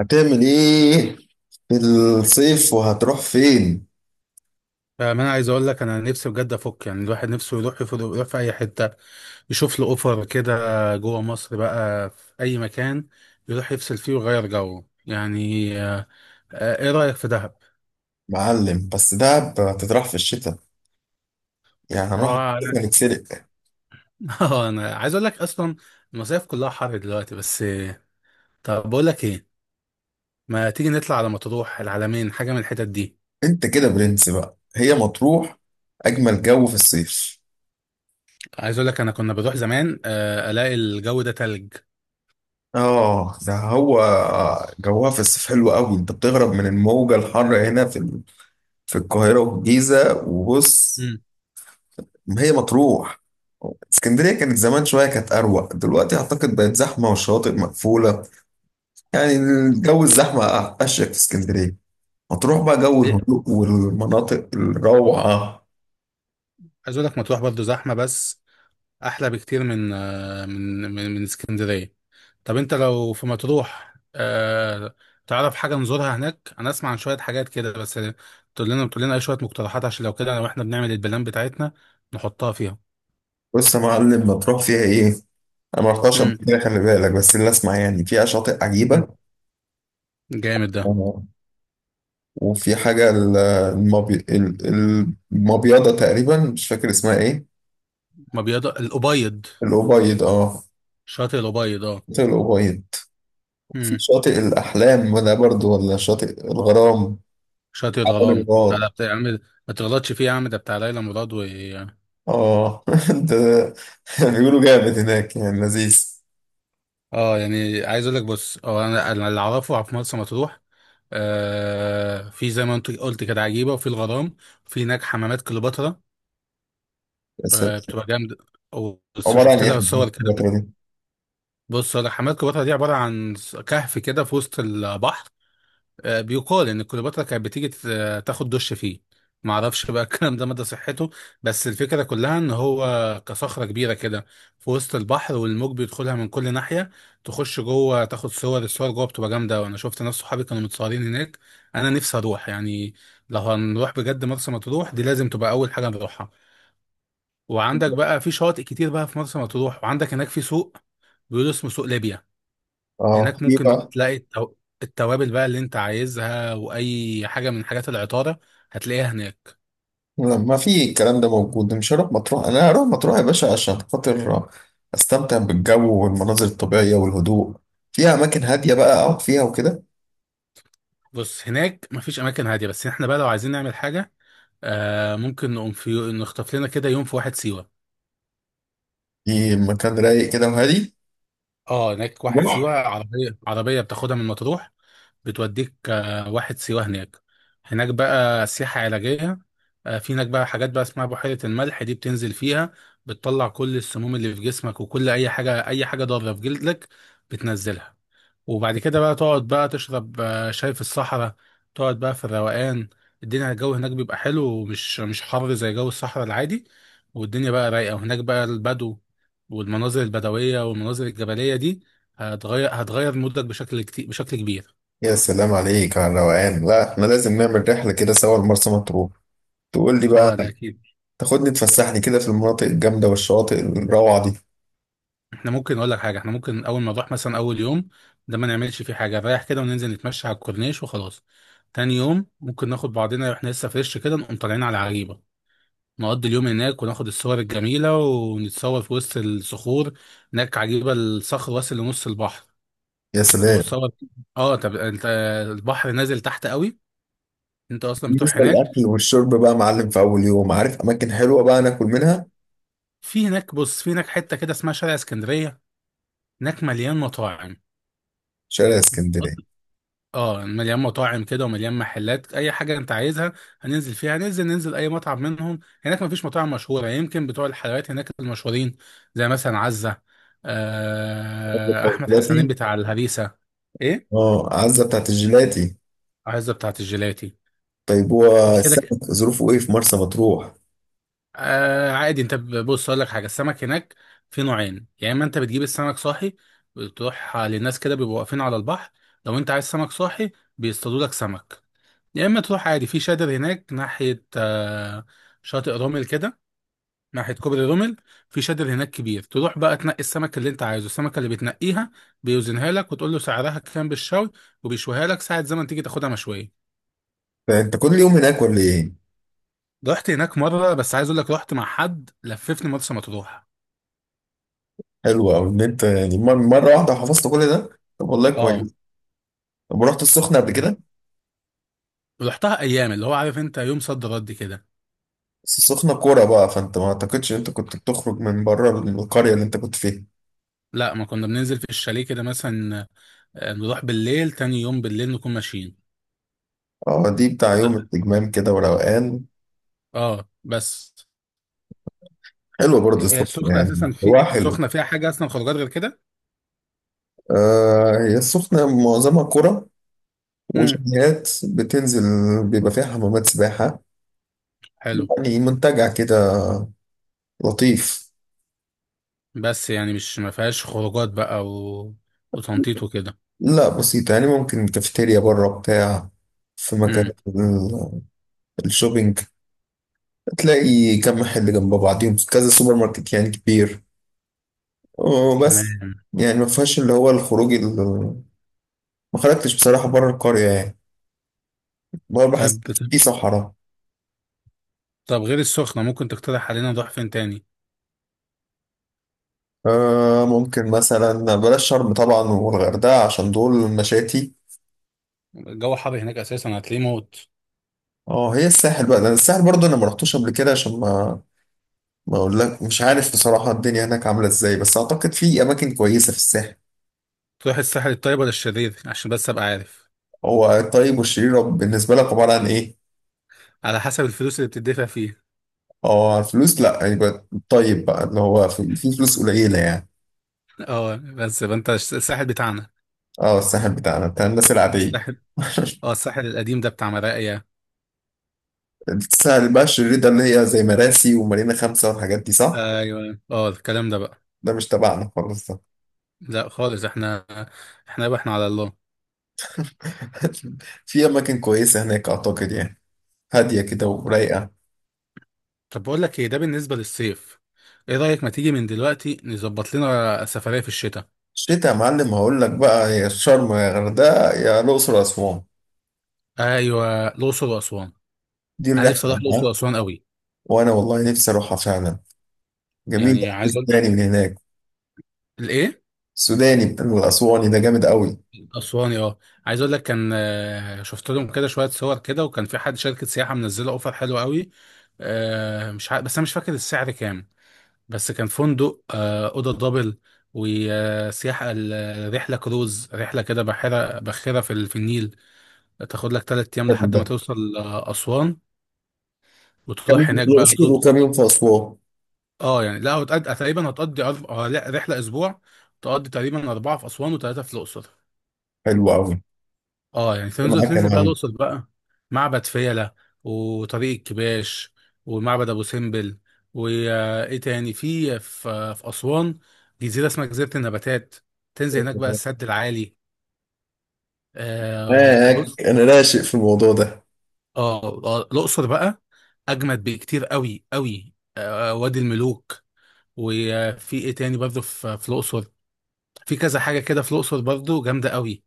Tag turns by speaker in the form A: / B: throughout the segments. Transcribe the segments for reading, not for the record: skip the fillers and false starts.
A: هتعمل ايه في الصيف وهتروح فين؟
B: فاهم انا عايز اقول لك انا نفسي بجد افك. يعني الواحد نفسه يروح، يفضل يروح في اي حته يشوف له اوفر كده، جوه مصر بقى في اي مكان يروح يفصل فيه ويغير جو. يعني ايه رايك في دهب؟
A: معلم، بس دهب هتتراح في الشتاء، يعني
B: ما
A: هنروح في
B: هو
A: الشتاء نتسرق؟
B: انا عايز اقول لك اصلا المصايف كلها حر دلوقتي بس. طب بقول لك ايه، ما تيجي نطلع على مطروح، العلمين، حاجه من الحتت دي.
A: انت كده برنس بقى، هي مطروح اجمل جو في الصيف.
B: عايز اقول لك انا كنا بروح زمان، الاقي الجو ده تلج.
A: اه ده هو، جوها في الصيف حلو قوي، انت بتهرب من الموجة الحر هنا في في القاهرة والجيزة وبص.
B: امم.
A: ما هي مطروح. اسكندرية كانت زمان شوية كانت أروق، دلوقتي أعتقد بقت زحمة والشواطئ مقفولة، يعني الجو الزحمة. أشيك في اسكندرية هتروح بقى جو
B: إيه؟
A: الهدوء والمناطق الروعة.
B: عايز اقول لك مطروح برضه زحمه، بس احلى بكتير من آه، من من من اسكندريه. طب انت لو في مطروح، تعرف حاجه نزورها هناك؟ انا اسمع عن شويه حاجات كده بس. تقول لنا اي شويه مقترحات، عشان لو كده، لو احنا بنعمل البلان بتاعتنا نحطها فيها.
A: بص يا معلم ما تروح فيها ايه، انا ما رحتش
B: امم.
A: قبل كده خلي بالك، بس اللي اسمع يعني فيها شاطئ عجيبة.
B: امم. جامد ده.
A: آه. وفي حاجة المبيضة تقريبا، مش فاكر اسمها ايه.
B: ما بيض الابيض.
A: الأبيض، اه،
B: شاطئ الابيض اه.
A: شاطئ الأبيض. في
B: امم.
A: شاطئ الأحلام ده برضو ولا شاطئ الغرام؟
B: شاطئ
A: عبد
B: الغرام، لا
A: الغرام.
B: لا، يا عم ما تغلطش فيه يا عم، ده بتاع ليلى مراد.
A: اه ده بيقولوا جامد هناك يعني لذيذ.
B: اه يعني عايز اقول لك، بص، هو أنا اللي اعرفه في مرسى مطروح في، زي ما انت قلت كده، عجيبه، وفي الغرام، وفي هناك حمامات كليوباترا.
A: بس
B: بتبقى جامده،
A: عبارة عن
B: وشفت
A: ايه
B: لها صور كده.
A: الفترة دي؟
B: بص أقول لك، حمامات كليوباترا دي عباره عن كهف كده في وسط البحر. بيقال ان كليوباترا كانت بتيجي تاخد دش فيه. ما اعرفش بقى الكلام ده مدى صحته، بس الفكره كلها ان هو كصخره كبيره كده في وسط البحر، والموج بيدخلها من كل ناحيه. تخش جوه تاخد صور، جوه بتبقى جامده، وانا شفت ناس صحابي كانوا متصورين هناك. انا نفسي اروح يعني. لو هنروح بجد مرسى مطروح دي لازم تبقى اول حاجه نروحها. وعندك بقى في شواطئ كتير بقى في مرسى مطروح، وعندك هناك في سوق بيقولوا اسمه سوق ليبيا.
A: اه،
B: هناك
A: في
B: ممكن بقى
A: بقى.
B: تلاقي التوابل بقى اللي انت عايزها، واي حاجه من حاجات العطاره هتلاقيها هناك.
A: ما في الكلام ده موجود، مش هروح مطروح. انا هروح مطروح يا باشا عشان خاطر استمتع بالجو والمناظر الطبيعية والهدوء، فيها اماكن هادية بقى اقعد فيها وكده.
B: بص هناك مفيش اماكن هاديه، بس احنا بقى لو عايزين نعمل حاجه ممكن نقوم في نخطف لنا كده يوم في واحد سيوه.
A: في مكان رايق كده وهادي.
B: اه هناك واحد سيوه،
A: بحر.
B: عربيه بتاخدها من مطروح بتوديك، واحد سيوه. هناك هناك بقى سياحه علاجيه، في هناك بقى حاجات بقى اسمها بحيره الملح، دي بتنزل فيها، بتطلع كل السموم اللي في جسمك، وكل اي حاجه ضاره في جلدك بتنزلها. وبعد كده بقى تقعد بقى تشرب شاي في الصحراء، تقعد بقى في الروقان. الدنيا، الجو هناك بيبقى حلو، ومش مش حر زي جو الصحراء العادي، والدنيا بقى رايقة، وهناك بقى البدو، والمناظر البدوية والمناظر الجبلية دي هتغير مودك بشكل كبير.
A: يا سلام عليك على الروقان، لا احنا لازم نعمل رحلة كده سوا لمرسى مطروح، تقول لي بقى،
B: اه ده اكيد.
A: تاخدني تفسحني كده في المناطق الجامدة والشواطئ الروعة دي.
B: احنا ممكن اقول لك حاجة احنا ممكن اول ما نروح مثلا اول يوم ده ما نعملش فيه حاجة، نريح كده وننزل نتمشى على الكورنيش وخلاص. تاني يوم ممكن ناخد بعضنا واحنا لسه فريش كده، نقوم طالعين على عجيبة، نقضي اليوم هناك، وناخد الصور الجميلة، ونتصور في وسط الصخور. هناك عجيبة، الصخر واصل لنص البحر،
A: يا سلام.
B: نتصور. اه طب انت، البحر نازل تحت قوي، انت اصلا بتروح
A: بالنسبة
B: هناك.
A: للأكل والشرب بقى معلم، في أول يوم عارف أماكن حلوة بقى ناكل منها؟
B: في هناك حتة كده اسمها شارع اسكندرية، هناك مليان مطاعم.
A: شارع
B: اه مليان مطاعم كده، ومليان محلات اي حاجه انت عايزها. هننزل فيها هننزل ننزل اي مطعم منهم. هناك مفيش مطاعم مشهوره يعني، يمكن بتوع الحلويات هناك المشهورين، زي مثلا عزه، احمد حسنين
A: اسكندرية.
B: بتاع الهريسه. ايه؟
A: اه، عزة بتاعت الجيلاتي.
B: عزه بتاعه الجيلاتي.
A: طيب هو
B: دي كده.
A: السمك ظروفه ايه في مرسى مطروح؟
B: عادي، بص اقول لك حاجه، السمك هناك في نوعين، يا اما انت بتجيب السمك صاحي، بتروح للناس كده بيبقوا واقفين على البحر، لو انت عايز سمك صاحي بيصطادوا لك سمك، يا اما تروح عادي في شادر هناك ناحيه، شاطئ رومل كده، ناحيه كوبري رومل. في شادر هناك كبير، تروح بقى تنقي السمك اللي انت عايزه، السمكه اللي بتنقيها بيوزنها لك وتقول له سعرها كام بالشوي، وبيشويها لك ساعه زمن تيجي تاخدها مشويه.
A: انت كل يوم هناك ولا ايه؟
B: رحت هناك مره بس، عايز اقول لك رحت مع حد لففني مرسى مطروح.
A: حلو أوي ان انت يعني مرة واحدة حفظت كل ده. طب والله
B: اه
A: كويس. طب رحت السخنة قبل كده؟
B: رحتها ايام اللي هو عارف انت، يوم صد رد كده.
A: بس السخنة كورة بقى، فانت ما اعتقدش ان انت كنت بتخرج من بره القرية اللي انت كنت فيها.
B: لا، ما كنا بننزل في الشاليه كده مثلا، نروح بالليل، تاني يوم بالليل نكون ماشيين.
A: اه دي بتاع يوم التجمام كده وروقان.
B: اه بس.
A: حلو برضه
B: هي
A: السخنة،
B: السخنة
A: يعني
B: أساسا في
A: هو حلو.
B: السخنة فيها حاجة أصلا خروجات غير كده؟
A: آه، هي السخنة معظمها كورة
B: امم.
A: وشاليهات بتنزل، بيبقى فيها حمامات سباحة،
B: حلو.
A: يعني منتجع كده لطيف.
B: بس يعني مش ما فيهاش خروجات بقى وتنطيط وكده.
A: لا بسيطة، يعني ممكن كافيتيريا بره بتاع، في مكان
B: امم.
A: الشوبينج، تلاقي كم محل جنب بعضهم، كذا سوبر ماركت يعني كبير، وبس.
B: تمام.
A: يعني ما فيهاش اللي هو الخروج ما خرجتش بصراحة بره القرية يعني، بره بحس
B: طب
A: في صحراء.
B: طب غير السخنة ممكن تقترح علينا نروح فين تاني؟
A: آه، ممكن مثلا بلاش شرم طبعا والغردقة، عشان دول مشاتي.
B: الجو حر هناك أساسا، هتلاقيه موت.
A: اه، هي الساحل بقى، لأن الساحل برضه انا ما رحتوش قبل كده، عشان ما اقول لك مش عارف بصراحة الدنيا هناك عاملة ازاي، بس اعتقد في اماكن كويسة في الساحل.
B: تروح الساحل الطيب ولا الشرير؟ عشان بس أبقى عارف.
A: هو الطيب والشرير بالنسبة لك عبارة عن إيه؟
B: على حسب الفلوس اللي بتدفع فيه.
A: اه، الفلوس، لأ يبقى الطيب بقى اللي هو في فلوس قليلة يعني.
B: اه، بس يبقى أنت الساحل بتاعنا.
A: اه الساحل بتاعنا بتاع الناس العادية.
B: الساحل، اه الساحل القديم ده بتاع مراقيا.
A: الساحل بقى الشرير ده اللي هي زي مراسي ومارينا خمسة والحاجات دي، صح؟
B: ايوه اه الكلام ده بقى.
A: ده مش تبعنا خالص ده.
B: لا خالص، احنا احنا بقى احنا على الله.
A: في أماكن كويسة هناك أعتقد يعني، هادية كده ورايقة.
B: طب بقول لك ايه، ده بالنسبه للصيف، ايه رايك ما تيجي من دلوقتي نظبط لنا سفريه في الشتاء؟
A: الشتا يا معلم هقول لك بقى، يا شرم يا غردقة يا الأقصر وأسوان،
B: ايوه، الاقصر واسوان،
A: دي
B: انا
A: الرحلة
B: نفسي اروح الاقصر
A: بقى.
B: واسوان قوي.
A: وأنا والله نفسي أروحها فعلا. جميل.
B: يعني عايز اقول.
A: تاني من هناك.
B: الايه؟
A: السوداني بتاع الأسواني ده جامد قوي.
B: اسواني اه. عايز اقول لك كان، شفت لهم كده شويه صور كده، وكان في حد شركه سياحه منزله اوفر حلو قوي. مش عارف بس انا مش فاكر السعر كام. بس كان فندق، اوضه دبل، وسياحه، الرحله كروز، رحله كده بحيره باخره في النيل، تاخد لك 3 ايام
A: حلو
B: لحد
A: ده.
B: ما توصل، اسوان،
A: كمين
B: وتروح هناك
A: في
B: بقى
A: الأقصر
B: تزود.
A: وكمين في أسوان.
B: اه يعني، لا، هتقضي أرب... آه، لا، رحلة أسبوع، تقضي تقريبا أربعة في أسوان وثلاثة في الأقصر.
A: حلو قوي.
B: اه يعني تنزل
A: معاك يا
B: تنزل بقى
A: معلم.
B: الأقصر بقى، معبد فيلة، وطريق الكباش، ومعبد أبو سمبل. وإيه تاني في أسوان؟ جزيرة اسمها جزيرة النباتات، تنزل هناك بقى السد العالي.
A: معاك،
B: بص،
A: أنا راشق في الموضوع ده.
B: اه، الأقصر بقى أجمد بكتير قوي قوي، وادي الملوك. وفي إيه تاني برضه في الأقصر؟ في كذا حاجة كده في الأقصر برضه جامدة قوي.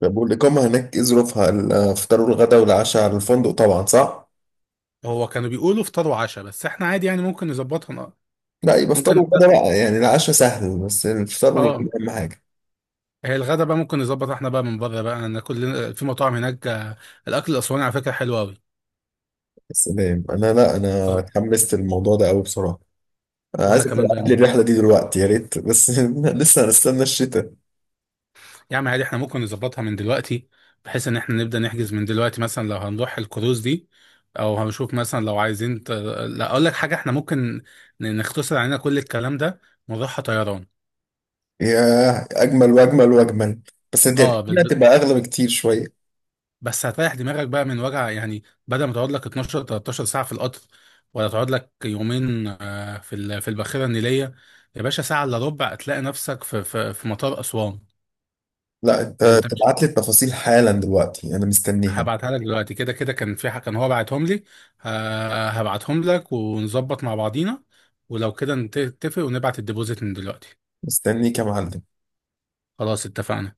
A: طب والإقامة هناك إيه ظروفها؟ الفطار والغدا والعشاء على الفندق طبعا، صح؟
B: هو كانوا بيقولوا فطار وعشاء، بس احنا عادي يعني ممكن نظبطها.
A: لا يبقى فطار
B: ممكن.
A: وغدا بقى، يعني العشاء سهل، بس الفطار والغدا
B: اه،
A: أهم حاجة.
B: هي الغدا بقى ممكن نظبط احنا بقى من بره بقى، ناكل في مطاعم هناك. الأكل الأسواني على فكرة حلو قوي.
A: يا سلام، أنا لا أنا
B: اه،
A: اتحمست الموضوع ده قوي بصراحة. أنا
B: وانا
A: عايزك
B: كمان بقى
A: تبعت لي
B: مين.
A: الرحلة دي دلوقتي يا ريت، بس لسه هنستنى الشتاء.
B: يا عم عادي، احنا ممكن نظبطها من دلوقتي، بحيث ان احنا نبدأ نحجز من دلوقتي، مثلا لو هنروح الكروز دي، او هنشوف مثلا لو عايزين لا اقول لك حاجة، احنا ممكن نختصر علينا كل الكلام ده ونروحها طيران.
A: ياه، اجمل واجمل واجمل، بس دي
B: اه
A: دي
B: بالظبط.
A: هتبقى اغلى بكتير شويه.
B: بس هتريح دماغك بقى من وجع، يعني بدل ما تقعد لك 12 13 ساعة في القطر، ولا تقعد لك يومين، في الباخرة النيلية. يا باشا ساعة إلا ربع هتلاقي نفسك في مطار أسوان.
A: لا انت
B: أنت مش،
A: تبعت لي التفاصيل حالا دلوقتي، انا مستنيها.
B: هبعتها لك دلوقتي كده كده، كان في كان هو بعتهم لي. هبعتهم لك ونظبط مع بعضينا، ولو كده نتفق ونبعت الديبوزيت من دلوقتي.
A: مستنيك يا معلم.
B: خلاص اتفقنا.